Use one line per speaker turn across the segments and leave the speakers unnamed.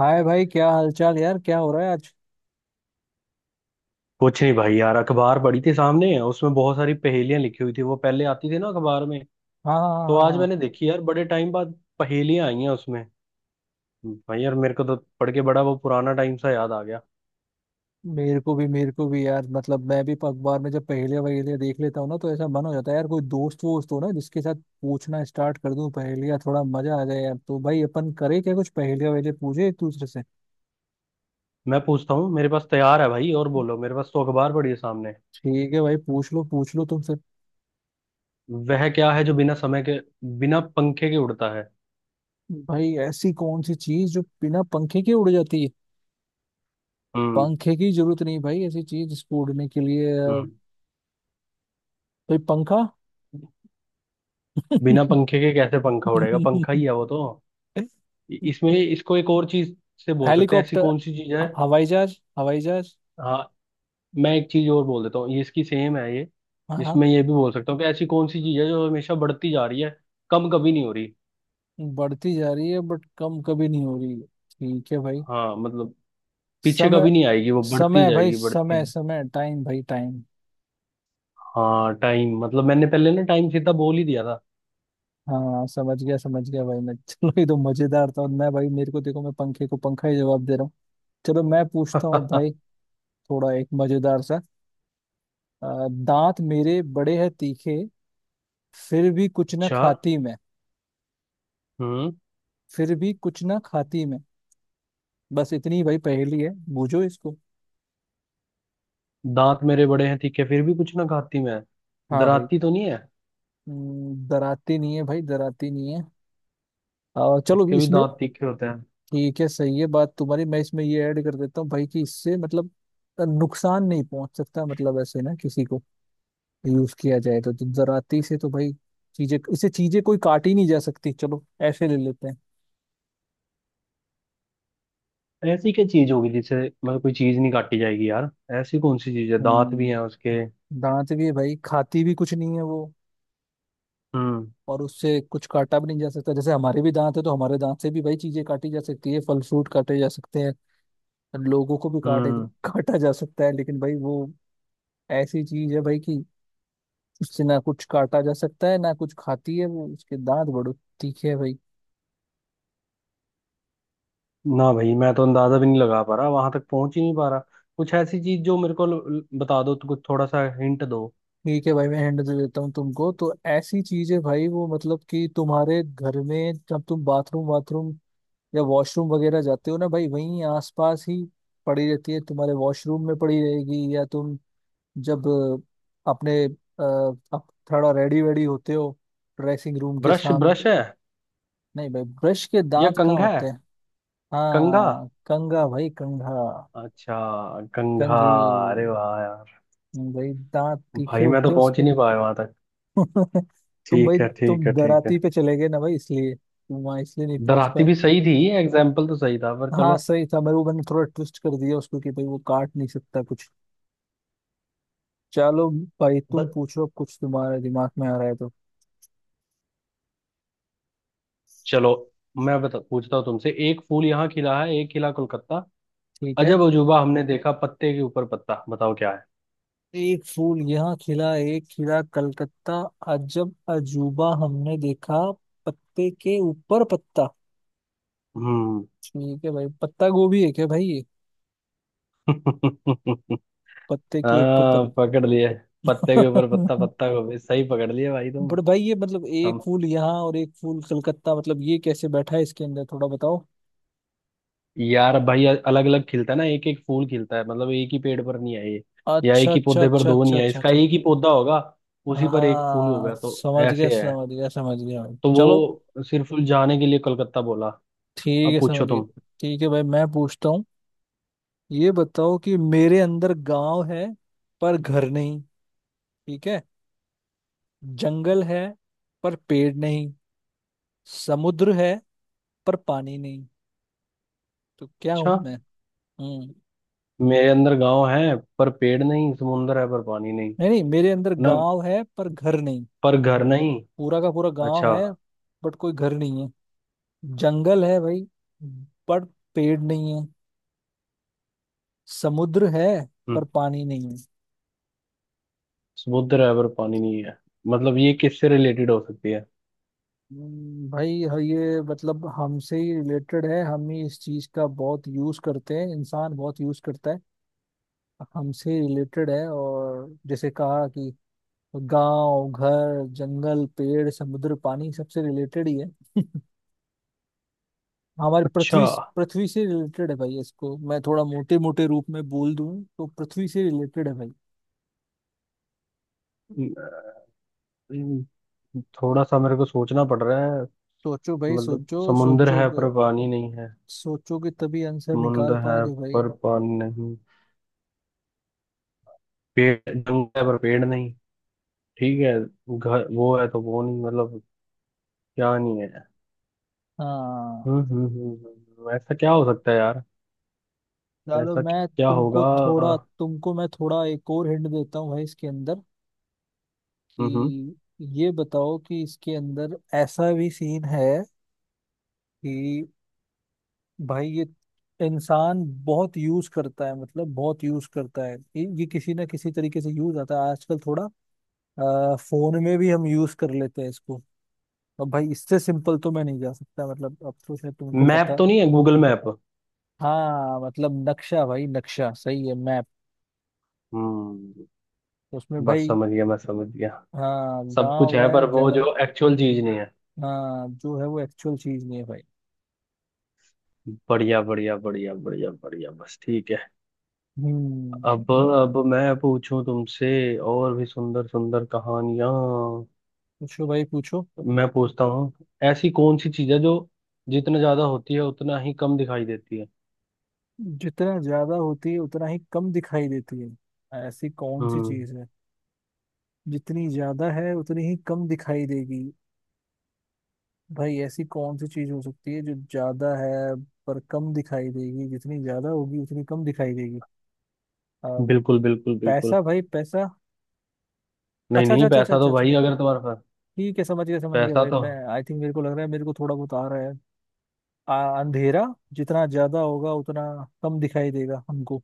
हाय भाई, क्या हालचाल यार? क्या हो रहा है आज?
कुछ नहीं भाई, यार अखबार पड़ी थी सामने। उसमें बहुत सारी पहेलियां लिखी हुई थी। वो पहले आती थी ना अखबार में।
हाँ हाँ हाँ
तो
हाँ
आज
हाँ।
मैंने देखी यार बड़े टाइम बाद। पहेलियां आई हैं उसमें। भाई यार मेरे को तो पढ़ के बड़ा वो पुराना टाइम सा याद आ गया।
मेरे को भी, यार मतलब मैं भी अखबार में जब पहेलियां वहेलियां देख लेता हूँ ना, तो ऐसा मन हो जाता है यार कोई दोस्त वोस्त हो ना जिसके साथ पूछना स्टार्ट कर दूं पहेलियां, थोड़ा मजा आ जाए यार। तो भाई अपन करें क्या, कुछ पहेलियां वहेलियां पूछे एक दूसरे से?
मैं पूछता हूँ, मेरे पास तैयार है भाई। और बोलो, मेरे पास तो अखबार पड़ी है सामने।
ठीक है भाई, पूछ लो तुम फिर।
वह क्या है जो बिना समय के बिना पंखे के उड़ता है?
भाई ऐसी कौन सी चीज जो बिना पंखे के उड़ जाती है?
हम्म।
पंखे की जरूरत नहीं भाई, ऐसी चीज जिसको उड़ने के लिए
हम्म।
भाई पंखा।
बिना पंखे के कैसे पंखा उड़ेगा? पंखा ही है वो तो। इसमें इसको एक और चीज से बोल सकते हैं। ऐसी
हेलीकॉप्टर।
कौन सी चीज है?
हवाई जहाज, हवाई जहाज।
हाँ। मैं एक चीज और बोल देता हूँ, ये इसकी सेम है ये।
हाँ। हाँ,
इसमें ये भी बोल सकता हूँ कि ऐसी कौन सी चीज है जो हमेशा बढ़ती जा रही है, कम कभी नहीं हो रही।
बढ़ती जा रही है बट कम कभी नहीं हो रही है। ठीक है भाई,
हाँ मतलब पीछे
समय।
कभी नहीं आएगी, वो बढ़ती
समय भाई
जाएगी, बढ़ती।
समय, समय टाइम भाई टाइम।
हाँ, टाइम मतलब मैंने पहले ना टाइम सीधा बोल ही दिया था।
हाँ समझ गया, समझ गया भाई मैं। चलो ये तो मजेदार था। और मैं भाई, मेरे को देखो, मैं पंखे को पंखा ही जवाब दे रहा हूँ। चलो मैं पूछता हूँ भाई, थोड़ा एक मजेदार सा। दांत मेरे बड़े हैं तीखे, फिर भी कुछ ना
अच्छा।
खाती मैं।
हम्म।
फिर भी कुछ ना खाती मैं। बस इतनी भाई पहेली है, बूझो इसको।
दांत मेरे बड़े हैं तीखे, फिर भी कुछ ना खाती मैं।
हाँ भाई।
दराती तो नहीं है?
डराती नहीं है भाई, डराती नहीं है। चलो
उसके भी
इसमें।
दांत तीखे होते हैं।
ठीक है, सही है बात तुम्हारी। मैं इसमें ये ऐड कर देता हूँ भाई कि इससे मतलब नुकसान नहीं पहुंच सकता, मतलब ऐसे ना किसी को यूज किया जाए तो डराती से तो भाई चीजें, इसे चीजें कोई काटी नहीं जा सकती। चलो ऐसे ले लेते हैं।
ऐसी क्या चीज होगी जिससे मतलब कोई चीज नहीं काटी जाएगी यार? ऐसी कौन सी चीज है, दांत भी हैं
हम्म।
उसके?
दांत भी है भाई, खाती भी कुछ नहीं है वो,
हम्म।
और उससे कुछ काटा भी नहीं जा सकता। जैसे हमारे भी दांत है तो हमारे दांत से भी भाई चीजें काटी जा सकती है, फल फ्रूट काटे जा सकते हैं, लोगों को भी काटे,
हम्म।
काटा जा सकता है। लेकिन भाई वो ऐसी चीज है भाई कि उससे ना कुछ काटा जा सकता है ना कुछ खाती है वो, उसके दांत बड़े तीखे है भाई।
ना भाई, मैं तो अंदाजा भी नहीं लगा पा रहा, वहां तक पहुंच ही नहीं पा रहा। कुछ ऐसी चीज जो मेरे को बता दो तो, कुछ थोड़ा सा हिंट दो।
ठीक है भाई, मैं हैंड दे देता हूँ तुमको। तो ऐसी चीज है भाई वो, मतलब कि तुम्हारे घर में जब तुम बाथरूम बाथरूम या वॉशरूम वगैरह जाते हो ना भाई, वहीं आसपास ही पड़ी रहती है, तुम्हारे वॉशरूम में पड़ी रहेगी, या तुम जब अपने थोड़ा रेडी वेडी होते हो ड्रेसिंग रूम के
ब्रश
सामने।
ब्रश है?
नहीं भाई, ब्रश के
या
दांत कहाँ
कंघा है?
होते हैं?
कंघा।
हाँ कंघा भाई, कंघा,
अच्छा। कंघा।
कंघी।
अरे वाह यार!
भाई दांत तीखे
भाई मैं तो
होते हैं
पहुंच ही
उसके।
नहीं पाया वहां तक।
तुम भाई,
ठीक है ठीक
तुम
है ठीक है।
दराती पे चले गए ना भाई, इसलिए तुम वहां, इसलिए नहीं पहुंच
दराती
पाए।
भी सही थी, एग्जाम्पल तो सही था, पर
हाँ
चलो।
सही था, मेरे को मैंने थोड़ा ट्विस्ट कर दिया उसको कि भाई वो काट नहीं सकता कुछ। चलो भाई
ब-
तुम पूछो अब, कुछ तुम्हारे दिमाग में आ रहा है तो।
चलो, मैं बता पूछता हूँ तुमसे। एक फूल यहाँ खिला है, एक खिला कोलकाता।
ठीक है।
अजब अजूबा हमने देखा, पत्ते के ऊपर पत्ता। बताओ क्या है?
एक फूल यहाँ खिला एक खिला कलकत्ता, अजब अजूबा हमने देखा, पत्ते के ऊपर पत्ता।
हम्म।
ठीक है भाई, पत्ता गोभी है क्या भाई ये, पत्ते के ऊपर
हाँ पकड़ लिए। पत्ते के
पत्ता?
ऊपर पत्ता, पत्ता को भी सही पकड़ लिए भाई तुम।
बट भाई ये मतलब एक
सम,
फूल यहाँ और एक फूल कलकत्ता, मतलब ये कैसे बैठा है इसके अंदर, थोड़ा बताओ।
यार भाई अलग अलग खिलता है ना, एक एक फूल खिलता है। मतलब एक ही पेड़ पर नहीं है ये, या एक
अच्छा
ही
अच्छा
पौधे पर
अच्छा
दो
अच्छा
नहीं है।
अच्छा
इसका
अच्छा।
एक ही पौधा होगा, उसी पर एक फूल
हाँ
होगा। तो
समझ गया
ऐसे है।
समझ गया समझ गया भाई,
तो
चलो।
वो सिर्फ जाने के लिए कलकत्ता बोला।
ठीक
अब
है
पूछो
समझ गया।
तुम।
ठीक है भाई, मैं पूछता हूँ। ये बताओ कि मेरे अंदर गांव है पर घर नहीं, ठीक है, जंगल है पर पेड़ नहीं, समुद्र है पर पानी नहीं, तो क्या हूं
अच्छा।
मैं? हम्म।
मेरे अंदर गांव है पर पेड़ नहीं, समुंदर है पर पानी नहीं।
नहीं नहीं, मेरे अंदर
ना,
गांव है पर घर नहीं,
पर घर नहीं।
पूरा का पूरा गांव
अच्छा।
है बट कोई घर नहीं है। जंगल है भाई बट पेड़ नहीं है। समुद्र है पर
हम्म।
पानी नहीं है।
समुद्र है पर पानी नहीं है। मतलब ये किससे रिलेटेड हो सकती है?
भाई हाँ, ये मतलब हमसे ही रिलेटेड है, हम ही इस चीज का बहुत यूज करते हैं, इंसान बहुत यूज करता है। हमसे रिलेटेड है और जैसे कहा कि गांव घर जंगल पेड़ समुद्र पानी सबसे रिलेटेड ही है। हमारी पृथ्वी,
अच्छा।
पृथ्वी से रिलेटेड है भाई। इसको मैं थोड़ा मोटे मोटे रूप में बोल दूं तो पृथ्वी से रिलेटेड है भाई।
हम्म, थोड़ा सा मेरे को सोचना पड़ रहा है।
सोचो भाई
मतलब
सोचो,
समुंदर है
सोचोगे,
पर पानी नहीं है।
सोचोगे तभी आंसर निकाल
समुंदर है
पाओगे भाई।
पर पानी नहीं। पेड़ जंगल है पर पेड़ नहीं। ठीक है। घर वो है तो वो नहीं, मतलब क्या नहीं है?
हाँ।
हम्म। ऐसा क्या हो सकता है यार?
चलो
ऐसा
मैं
क्या होगा?
तुमको थोड़ा, तुमको मैं थोड़ा एक और हिंट देता हूँ भाई इसके अंदर
हम्म।
कि, ये बताओ कि इसके अंदर ऐसा भी सीन है कि भाई ये इंसान बहुत यूज करता है, मतलब बहुत यूज करता है ये, किसी ना किसी तरीके से यूज आता है। आजकल थोड़ा फोन में भी हम यूज कर लेते हैं इसको। अब भाई इससे सिंपल तो मैं नहीं जा सकता, मतलब अब तो शायद तुमको
मैप
पता।
तो नहीं है, गूगल मैप?
हाँ मतलब नक्शा भाई, नक्शा सही है, मैप।
हम्म।
उसमें
बस
भाई
समझ गया मैं, समझ गया।
हाँ
सब कुछ
गांव
है
है
पर वो
जंगल।
जो एक्चुअल चीज नहीं है।
हाँ जो है वो एक्चुअल चीज नहीं है भाई।
बढ़िया बढ़िया बढ़िया बढ़िया बढ़िया, बस ठीक है।
हम्म।
अब मैं पूछूं तुमसे और भी सुंदर सुंदर कहानियां।
पूछो भाई पूछो।
मैं पूछता हूँ। ऐसी कौन सी चीज है जो जितना ज्यादा होती है उतना ही कम दिखाई देती है?
जितना ज्यादा होती है उतना ही कम दिखाई देती है, ऐसी कौन सी
हम्म।
चीज है? जितनी ज्यादा है उतनी ही कम दिखाई देगी, भाई ऐसी कौन सी चीज हो सकती है जो ज्यादा है पर कम दिखाई देगी, जितनी ज्यादा होगी उतनी कम दिखाई देगी? अ,
बिल्कुल बिल्कुल बिल्कुल।
पैसा भाई, पैसा।
नहीं
अच्छा अच्छा
नहीं,
अच्छा अच्छा
पैसा
अच्छा
तो
अच्छा।
भाई अगर तुम्हारे पास,
ठीक है समझ गया
पैसा
भाई,
तो।
मैं आई थिंक, मेरे को लग रहा है, मेरे को थोड़ा बहुत आ रहा है। अंधेरा, जितना ज्यादा होगा उतना कम दिखाई देगा हमको।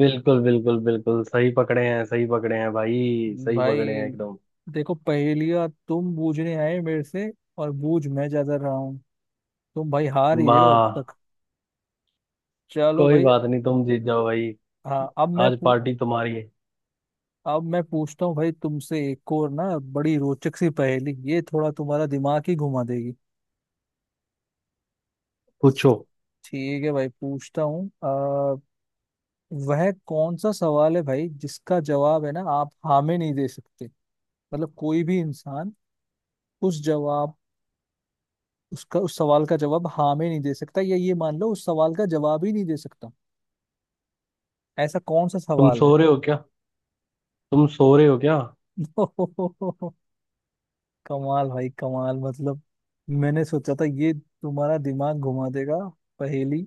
बिल्कुल बिल्कुल बिल्कुल, सही पकड़े हैं, सही पकड़े हैं भाई, सही
भाई
पकड़े हैं एकदम।
देखो, पहेलियां तुम बूझने आए मेरे से और बूझ मैं ज्यादा रहा हूँ, तुम भाई हार ही रहे हो अब
वाह!
तक। चलो
कोई
भाई।
बात नहीं, तुम जीत जाओ भाई।
हाँ अब मैं
आज
पू-
पार्टी तुम्हारी है।
अब मैं पूछता हूँ भाई तुमसे एक और ना, बड़ी रोचक सी पहेली, ये थोड़ा तुम्हारा दिमाग ही घुमा देगी।
पूछो।
ठीक है भाई, पूछता हूँ। वह कौन सा सवाल है भाई जिसका जवाब है ना आप हाँ में नहीं दे सकते, मतलब कोई भी इंसान उस जवाब उसका उस सवाल का जवाब हाँ में नहीं दे सकता, या ये मान लो उस सवाल का जवाब ही नहीं दे सकता। ऐसा कौन सा
तुम
सवाल है?
सो रहे हो क्या? तुम सो रहे हो क्या?
कमाल भाई कमाल, मतलब मैंने सोचा था ये तुम्हारा दिमाग घुमा देगा पहेली,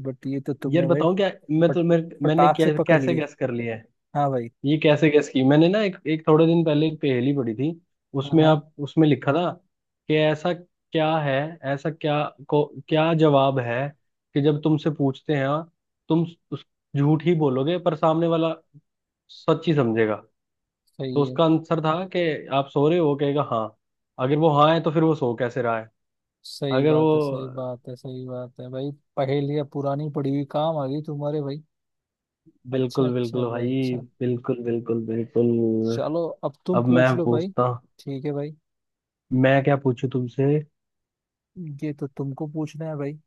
बट ये तो तुमने
यार
भाई
बताऊं क्या,
फट
मैंने
फटाक से पकड़
कैसे
ली।
गैस कर लिया है?
हाँ भाई।
ये कैसे गैस की मैंने ना, एक एक थोड़े दिन पहले एक पहेली पढ़ी थी।
हाँ
उसमें
हाँ
आप, उसमें लिखा था कि ऐसा क्या है, ऐसा क्या को क्या जवाब है, कि जब तुमसे पूछते हैं, तुम उस, झूठ ही बोलोगे पर सामने वाला सच ही समझेगा। तो
सही है,
उसका आंसर था कि आप सो रहे हो, कहेगा हाँ। अगर वो हाँ है तो फिर वो सो कैसे रहा है?
सही
अगर
बात है, सही
वो।
बात है, सही बात है भाई। पहेलियाँ पुरानी पड़ी हुई काम आ गई तुम्हारे भाई। अच्छा
बिल्कुल
अच्छा
बिल्कुल
भाई
भाई।
अच्छा।
बिल्कुल बिल्कुल बिल्कुल।
चलो अब तुम
अब मैं
पूछ लो भाई।
पूछता,
ठीक है भाई।
मैं क्या पूछूं तुमसे?
ये तो तुमको पूछना है भाई।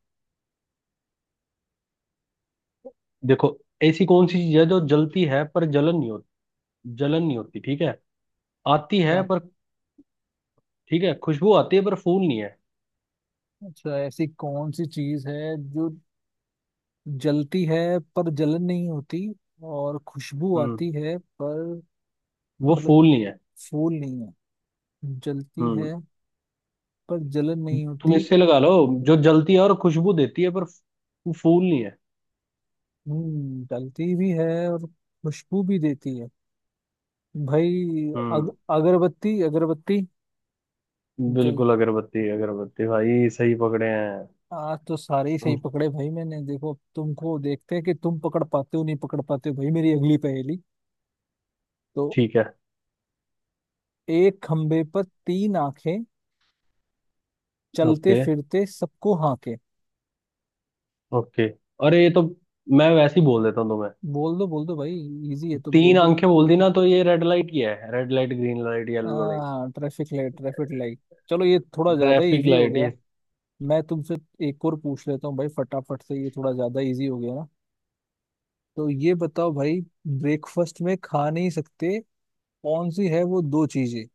देखो। ऐसी कौन सी चीज है जो जलती है पर जलन नहीं होती? जलन नहीं होती, ठीक है। आती है
अच्छा
पर, ठीक है, खुशबू आती है पर फूल नहीं है।
अच्छा। ऐसी कौन सी चीज है जो जलती है पर जलन नहीं होती, और खुशबू
हम्म।
आती है पर?
वो
मतलब
फूल नहीं है।
फूल नहीं है, जलती
हम्म।
है पर जलन नहीं
तुम
होती।
इससे लगा लो, जो जलती है और खुशबू देती है पर वो फूल नहीं है।
हम्म, डलती भी है और खुशबू भी देती है भाई।
हम्म।
अगरबत्ती, अगरबत्ती। जल,
बिल्कुल, अगरबत्ती, अगरबत्ती भाई, सही पकड़े हैं
आज तो सारे ही सही
तुम।
पकड़े भाई मैंने। देखो तुमको, देखते हैं कि तुम पकड़ पाते हो नहीं पकड़ पाते हो भाई मेरी अगली पहेली तो।
ठीक है।
एक खंबे पर तीन आंखें, चलते
ओके।
फिरते सबको हाके।
ओके। अरे ये तो, मैं वैसे ही बोल देता हूँ तुम्हें।
बोल दो भाई, इजी है तो बोल
तीन
दो।
आंखें बोल दी ना, तो ये रेड लाइट ही है, रेड लाइट ग्रीन लाइट
आ,
yellow light.
Traffic light, traffic light. चलो ये थोड़ा ज्यादा ही
ट्रैफिक
इजी हो
लाइट ये।
गया। मैं तुमसे एक और पूछ लेता हूँ भाई फटाफट से, ये थोड़ा ज्यादा इजी हो गया ना। तो ये बताओ भाई, ब्रेकफास्ट में खा नहीं सकते कौन सी है वो दो चीजें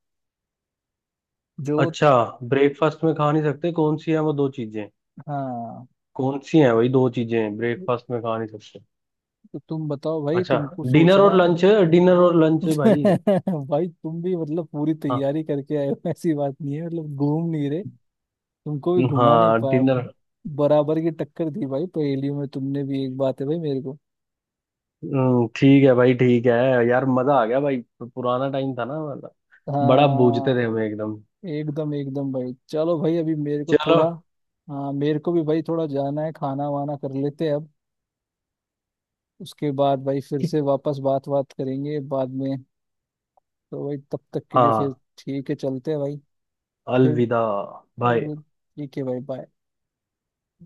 जो?
अच्छा। ब्रेकफास्ट में खा नहीं सकते, कौन सी है वो दो चीजें?
हाँ,
कौन सी है वही दो चीजें ब्रेकफास्ट में खा नहीं सकते?
तो तुम बताओ भाई,
अच्छा।
तुमको
डिनर
सोचना
और
है।
लंच। डिनर और लंच भाई।
भाई तुम भी मतलब पूरी
हाँ।
तैयारी करके आए हो, ऐसी बात नहीं है मतलब, घूम नहीं रहे, तुमको भी घुमा नहीं
हाँ,
पाया,
डिनर।
बराबर की टक्कर दी भाई पहेलियों में तुमने भी, एक बात है भाई मेरे को।
ठीक है भाई, ठीक है। यार मजा आ गया भाई, पुराना टाइम था ना वाला। बड़ा बूझते थे
हाँ
हम एकदम।
एकदम एकदम भाई। चलो भाई अभी मेरे को
चलो।
थोड़ा, हाँ मेरे को भी भाई थोड़ा जाना है, खाना वाना कर लेते हैं अब, उसके बाद भाई फिर से वापस बात बात करेंगे बाद में। तो भाई तब तक के लिए फिर,
हाँ।
ठीक है चलते हैं भाई, फिर।
अलविदा। बाय।
ठीक है भाई, बाय।